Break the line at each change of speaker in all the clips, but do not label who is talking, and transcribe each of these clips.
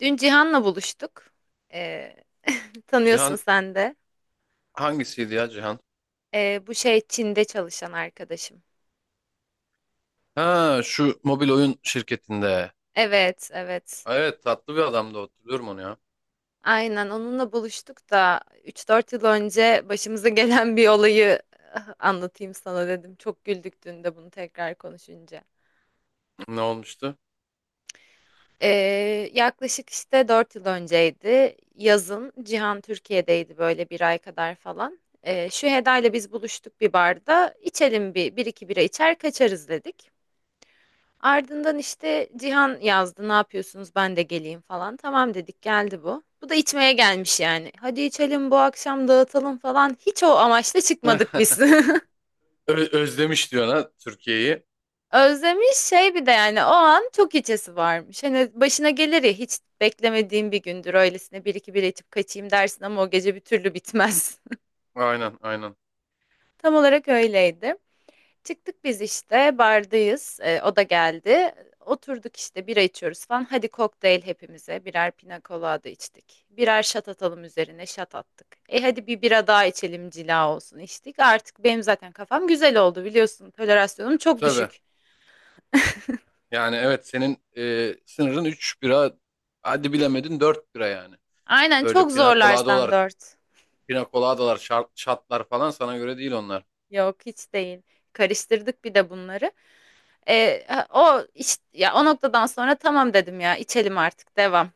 Dün Cihan'la buluştuk. Ee, Tanıyorsun
Cihan
sen de.
hangisiydi ya Cihan?
Bu şey Çin'de çalışan arkadaşım.
Ha şu mobil oyun şirketinde.
Evet, evet.
Evet, tatlı bir adamdı, hatırlıyorum onu ya.
Aynen onunla buluştuk da üç dört yıl önce başımıza gelen bir olayı ah, anlatayım sana dedim. Çok güldük dün de bunu tekrar konuşunca.
Ne olmuştu?
Ee, Yaklaşık işte 4 yıl önceydi. Yazın Cihan Türkiye'deydi böyle bir ay kadar falan. Şu Heda ile biz buluştuk bir barda. İçelim bir iki bira içer kaçarız dedik. Ardından işte Cihan yazdı ne yapıyorsunuz ben de geleyim falan. Tamam dedik geldi bu. Bu da içmeye gelmiş yani. Hadi içelim bu akşam dağıtalım falan. Hiç o amaçla çıkmadık biz.
Özlemiş diyor ha Türkiye'yi.
Özlemiş şey bir de yani o an çok içesi varmış. Hani başına gelir ya hiç beklemediğim bir gündür öylesine bir iki bir içip kaçayım dersin ama o gece bir türlü bitmez.
Aynen, aynen.
Tam olarak öyleydi. Çıktık biz işte bardayız. O da geldi. Oturduk işte bira içiyoruz falan. Hadi kokteyl hepimize. Birer pina colada içtik. Birer şat atalım üzerine şat attık. E hadi bir bira daha içelim cila olsun içtik. Artık benim zaten kafam güzel oldu biliyorsun. Tolerasyonum çok
Tabii.
düşük.
Yani evet, senin sınırın 3 bira, hadi bilemedin 4 bira yani.
Aynen
Öyle
çok zorlarsan dört.
pina coladalar, şatlar falan sana göre değil onlar.
Yok hiç değil. Karıştırdık bir de bunları. E, ya o noktadan sonra tamam dedim ya içelim artık devam.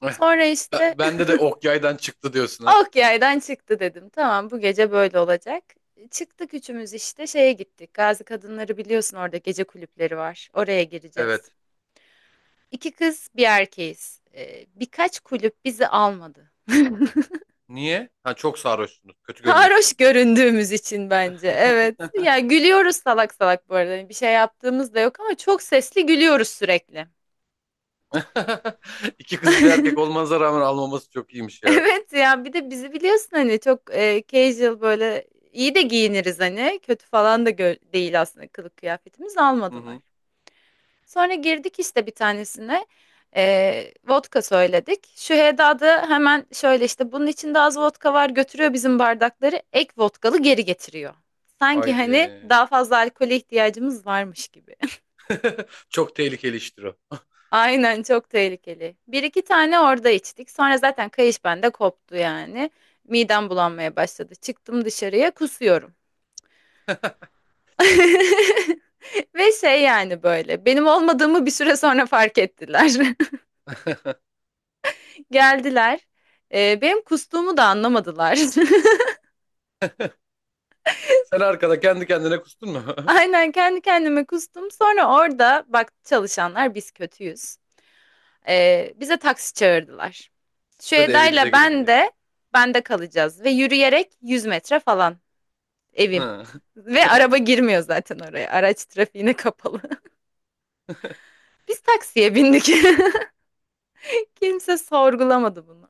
Sonra işte
Bende de ok yaydan çıktı diyorsun ha.
Ok yaydan çıktı dedim. Tamam bu gece böyle olacak. Çıktık üçümüz işte şeye gittik. Gazi Kadınları biliyorsun orada gece kulüpleri var. Oraya gireceğiz.
Evet.
İki kız bir erkeğiz. Birkaç kulüp bizi almadı.
Niye? Ha, çok sarhoşsunuz, kötü
Sarhoş
görünüyorsunuz diye.
göründüğümüz için bence. Evet. Ya gülüyoruz salak salak bu arada. Hani bir şey yaptığımız da yok ama çok sesli gülüyoruz sürekli.
İki kız bir erkek olmanıza rağmen almaması çok iyiymiş ya.
Evet ya bir de bizi biliyorsun hani çok casual böyle iyi de giyiniriz hani. Kötü falan da değil aslında kılık kıyafetimiz
Hı
almadılar.
hı.
Sonra girdik işte bir tanesine. Vodka söyledik. Şüheyda da hemen şöyle işte bunun içinde az vodka var götürüyor bizim bardakları. Ek vodkalı geri getiriyor. Sanki hani
Haydi.
daha fazla alkole ihtiyacımız varmış gibi.
Çok tehlikeli iştir o.
Aynen çok tehlikeli. Bir iki tane orada içtik. Sonra zaten kayış bende koptu yani. Midem bulanmaya başladı. Çıktım dışarıya kusuyorum. Ve şey yani böyle benim olmadığımı bir süre sonra fark ettiler. Geldiler. Benim kustuğumu da anlamadılar.
Sen arkada kendi kendine kustun mu?
Aynen kendi kendime kustum. Sonra orada baktı çalışanlar biz kötüyüz. Bize taksi çağırdılar. Şu
Size de evinize
Eda'yla
gidin
ben
diye.
de bende kalacağız ve yürüyerek 100 metre falan evim.
Hı.
Ve araba girmiyor zaten oraya. Araç trafiğine kapalı. Biz taksiye bindik. Kimse sorgulamadı bunu.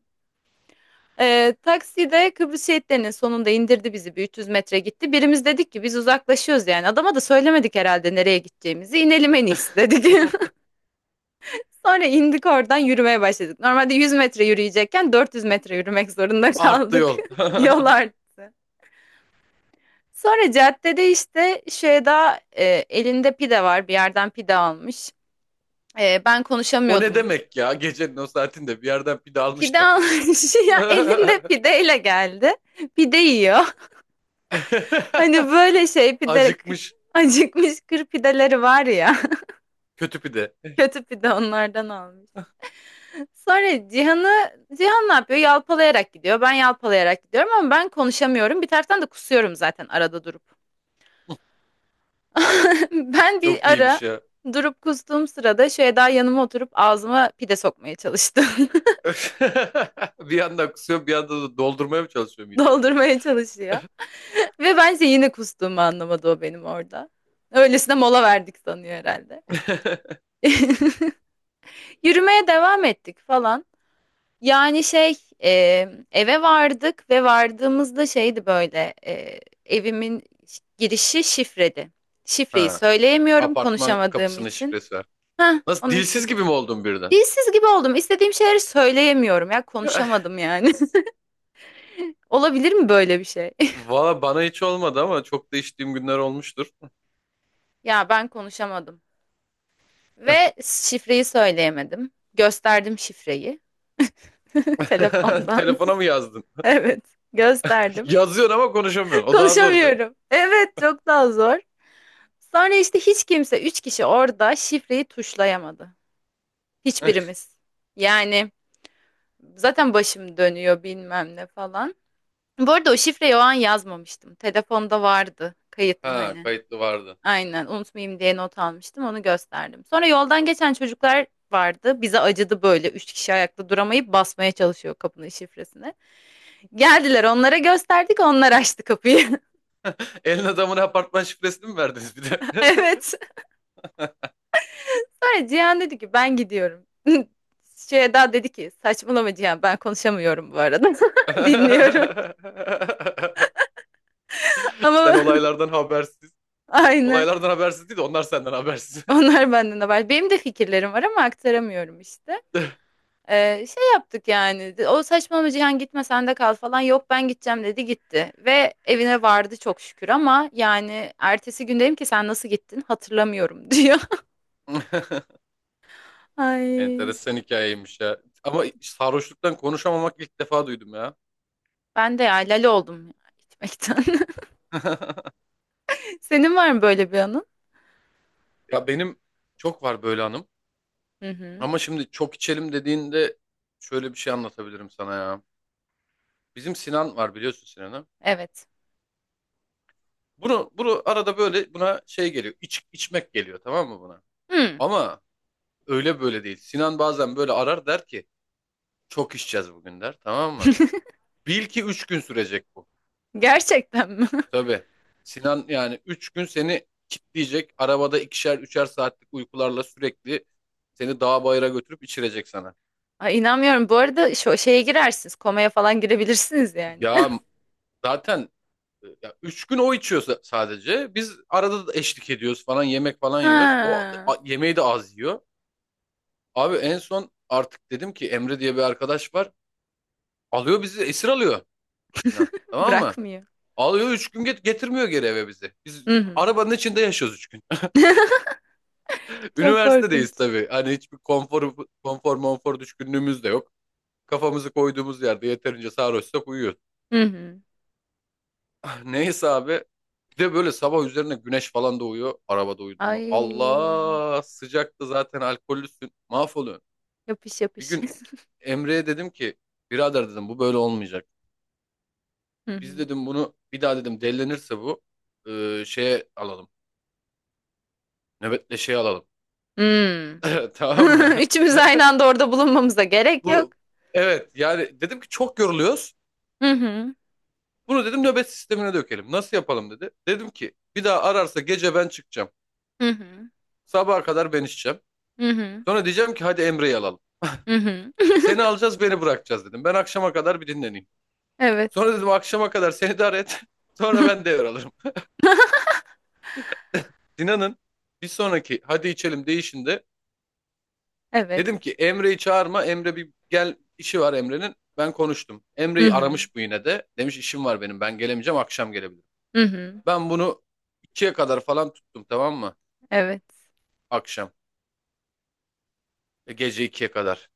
Takside Kıbrıs şehitlerinin sonunda indirdi bizi. Bir 300 metre gitti. Birimiz dedik ki biz uzaklaşıyoruz yani. Adama da söylemedik herhalde nereye gideceğimizi. İnelim en iyisi dedik. Sonra indik oradan yürümeye başladık. Normalde 100 metre yürüyecekken 400 metre yürümek zorunda
Arttı
kaldık.
yol.
Yol arttı. Sonra caddede işte Şeyda elinde pide var. Bir yerden pide almış. Ben
O ne
konuşamıyordum.
demek ya? Gecenin o saatinde bir yerden pide almış
Pide
da.
almış. Ya elinde pideyle geldi. Pide yiyor. Hani böyle şey pide
Acıkmış,
acıkmış kır pideleri var ya.
kötü pide.
Kötü pide onlardan almış. Sonra Cihan ne yapıyor? Yalpalayarak gidiyor. Ben yalpalayarak gidiyorum ama ben konuşamıyorum. Bir taraftan da kusuyorum zaten arada durup. Ben
Çok
bir ara
iyiymiş ya.
durup kustuğum sırada daha yanıma oturup ağzıma pide sokmaya çalıştım.
Bir yandan kusuyor, bir yandan da doldurmaya mı çalışıyor mideni?
Doldurmaya çalışıyor. Ve bence yine kustuğumu anlamadı o benim orada. Öylesine mola verdik sanıyor herhalde. Yürümeye devam ettik falan. Yani e, eve vardık ve vardığımızda şeydi böyle evimin girişi şifredi. Şifreyi
Ha,
söyleyemiyorum
apartman
konuşamadığım
kapısının
için.
şifresi.
Heh,
Nasıl,
onun
dilsiz gibi mi
şifresi.
oldun birden?
Dilsiz gibi oldum. İstediğim şeyleri söyleyemiyorum ya konuşamadım yani. Olabilir mi böyle bir şey?
Valla bana hiç olmadı ama çok da içtiğim günler olmuştur.
Ya ben konuşamadım ve şifreyi söyleyemedim. Gösterdim şifreyi telefondan.
Telefona mı yazdın?
Evet, gösterdim.
Yazıyorsun ama konuşamıyorsun. O daha zor be.
Konuşamıyorum. Evet, çok daha zor. Sonra işte hiç kimse, üç kişi orada şifreyi tuşlayamadı. Hiçbirimiz. Yani zaten başım dönüyor bilmem ne falan. Bu arada o şifreyi o an yazmamıştım. Telefonda vardı kayıtlı
Ha,
hani.
kayıtlı vardı.
Aynen unutmayayım diye not almıştım onu gösterdim. Sonra yoldan geçen çocuklar vardı. Bize acıdı böyle üç kişi ayakta duramayıp basmaya çalışıyor kapının şifresini. Geldiler onlara gösterdik onlar açtı kapıyı.
Elin adamına apartman şifresini mi verdiniz bir de?
Evet. Sonra Cihan dedi ki ben gidiyorum. Şey Eda dedi ki saçmalama Cihan ben konuşamıyorum bu arada. Dinliyorum.
Sen
Ama
olaylardan habersiz.
aynen.
Olaylardan habersiz değil de onlar senden habersiz.
Onlar benden haber. Benim de fikirlerim var ama aktaramıyorum işte. Şey yaptık yani. O saçmalama Cihan gitme sen de kal falan. Yok ben gideceğim dedi gitti. Ve evine vardı çok şükür ama yani ertesi gün dedim ki sen nasıl gittin hatırlamıyorum diyor. Ay
Enteresan hikayeymiş ya. Ama sarhoşluktan konuşamamak, ilk defa duydum ya.
ben de ya lale oldum ya gitmekten. Senin var mı böyle bir anın?
Ya benim çok var böyle hanım.
Hı hı.
Ama şimdi çok içelim dediğinde şöyle bir şey anlatabilirim sana ya. Bizim Sinan var, biliyorsun Sinan'ı.
Evet.
Bunu arada böyle buna şey geliyor. İç, içmek geliyor tamam mı buna?
Hmm.
Ama öyle böyle değil. Sinan bazen böyle arar, der ki çok içeceğiz bugün der, tamam mı? Bil ki üç gün sürecek bu.
Gerçekten mi?
Tabii. Sinan yani 3 gün seni kitleyecek. Arabada ikişer üçer saatlik uykularla sürekli seni dağ bayıra götürüp içirecek sana.
Ay inanmıyorum. Bu arada şu şeye girersiniz. Komaya falan girebilirsiniz yani.
Ya zaten Ya üç gün o içiyor sadece. Biz arada da eşlik ediyoruz falan, yemek falan yiyoruz. O
Ha,
yemeği de az yiyor. Abi en son artık dedim ki Emre diye bir arkadaş var. Alıyor bizi, esir alıyor Sinan. Tamam mı?
bırakmıyor.
Alıyor üç gün, getirmiyor geri eve bizi. Biz
Hı hı.
arabanın içinde yaşıyoruz üç gün.
Çok korkunç.
Üniversitedeyiz tabii. Hani hiçbir konfor monfor düşkünlüğümüz de yok. Kafamızı koyduğumuz yerde yeterince sarhoşsak uyuyoruz.
Hı hı.
Neyse abi. Bir de böyle sabah üzerine güneş falan doğuyor. Arabada uyudun mu?
Ay
Allah, sıcaktı zaten, alkollüsün. Mahvoluyorsun.
yapış
Bir
yapış.
gün Emre'ye dedim ki birader dedim bu böyle olmayacak.
Hı
Biz
hı.
dedim bunu bir daha dedim delilenirse bu, şeye alalım. Nöbetle şey alalım.
Hmm.
Tamam mı?
Üçümüz aynı anda orada bulunmamıza gerek yok.
Bu, evet yani dedim ki çok yoruluyoruz.
Hı hı.
Bunu dedim nöbet sistemine dökelim. Nasıl yapalım dedi. Dedim ki bir daha ararsa gece ben çıkacağım.
Hı hı.
Sabaha kadar ben içeceğim.
Hı hı.
Sonra diyeceğim ki hadi Emre'yi alalım.
Hı hı.
Seni alacağız, beni bırakacağız dedim. Ben akşama kadar bir dinleneyim.
Evet.
Sonra dedim akşama kadar seni de et. Sonra ben devralırım. Dinan'ın bir sonraki hadi içelim değişinde
Evet.
dedim ki Emre'yi çağırma. Emre bir gel, işi var Emre'nin. Ben konuştum.
Hı
Emre'yi
hı.
aramış bu yine de. Demiş işim var benim, ben gelemeyeceğim, akşam gelebilirim.
Hı hı.
Ben bunu ikiye kadar falan tuttum, tamam mı?
Evet.
Akşam. Gece ikiye kadar.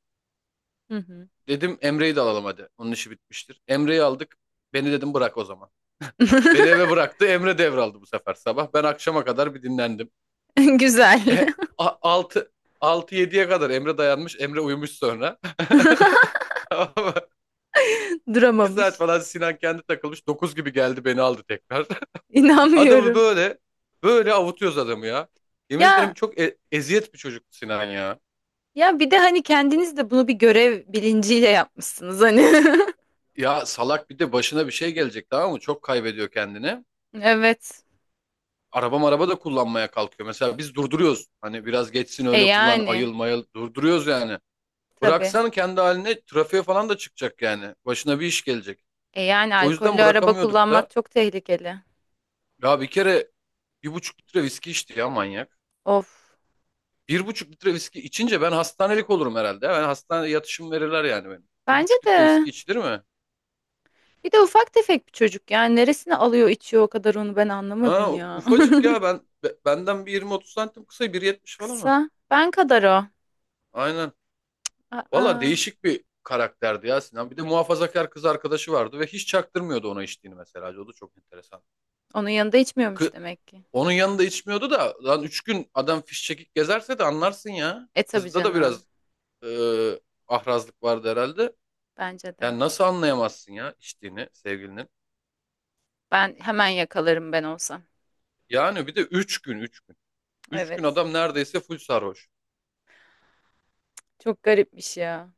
Hı hı.
Dedim Emre'yi de alalım hadi. Onun işi bitmiştir. Emre'yi aldık. Beni dedim bırak o zaman. Beni eve bıraktı. Emre devraldı bu sefer sabah. Ben akşama kadar bir dinlendim.
Güzel.
E, 6 yediye kadar Emre dayanmış. Emre uyumuş sonra. Tamam mı? İki saat
Duramamış.
falan Sinan kendi takılmış. Dokuz gibi geldi, beni aldı tekrar. Adamı
İnanmıyorum.
böyle böyle avutuyoruz adamı ya. Yemin ederim
Ya
çok eziyet bir çocuktu Sinan ya.
Ya bir de hani kendiniz de bunu bir görev bilinciyle yapmışsınız hani.
Ya salak, bir de başına bir şey gelecek, tamam mı? Çok kaybediyor kendini.
Evet.
Araba da kullanmaya kalkıyor. Mesela biz durduruyoruz. Hani biraz geçsin
E
öyle kullan,
yani
ayıl mayıl, durduruyoruz yani.
tabii.
Bıraksan kendi haline trafiğe falan da çıkacak yani. Başına bir iş gelecek.
E yani
O yüzden
alkollü araba
bırakamıyorduk
kullanmak
da.
çok tehlikeli.
Ya bir kere bir buçuk litre viski içti ya manyak.
Of.
Bir buçuk litre viski içince ben hastanelik olurum herhalde. Ben hastane yatışım verirler yani benim. Bir
Bence
buçuk litre
de.
viski içilir mi?
Bir de ufak tefek bir çocuk yani neresine alıyor içiyor o kadar onu ben anlamadım
Ha
ya.
ufacık ya benden bir 20-30 santim kısa, 1,70 falan o.
Kısa. Ben kadar o.
Aynen. Valla
Aa,
değişik bir karakterdi ya Sinan. Bir de muhafazakar kız arkadaşı vardı ve hiç çaktırmıyordu ona içtiğini mesela. O da çok enteresan.
onun yanında içmiyormuş
Kı-
demek ki.
Onun yanında içmiyordu da lan üç gün adam fişçekik gezerse de anlarsın ya.
E tabii
Kızda da biraz
canım.
e, ahrazlık vardı herhalde.
Bence de.
Yani nasıl anlayamazsın ya içtiğini sevgilinin.
Ben hemen yakalarım ben olsam.
Yani bir de üç gün üç gün. Üç gün
Evet.
adam neredeyse full sarhoş.
Çok garipmiş ya.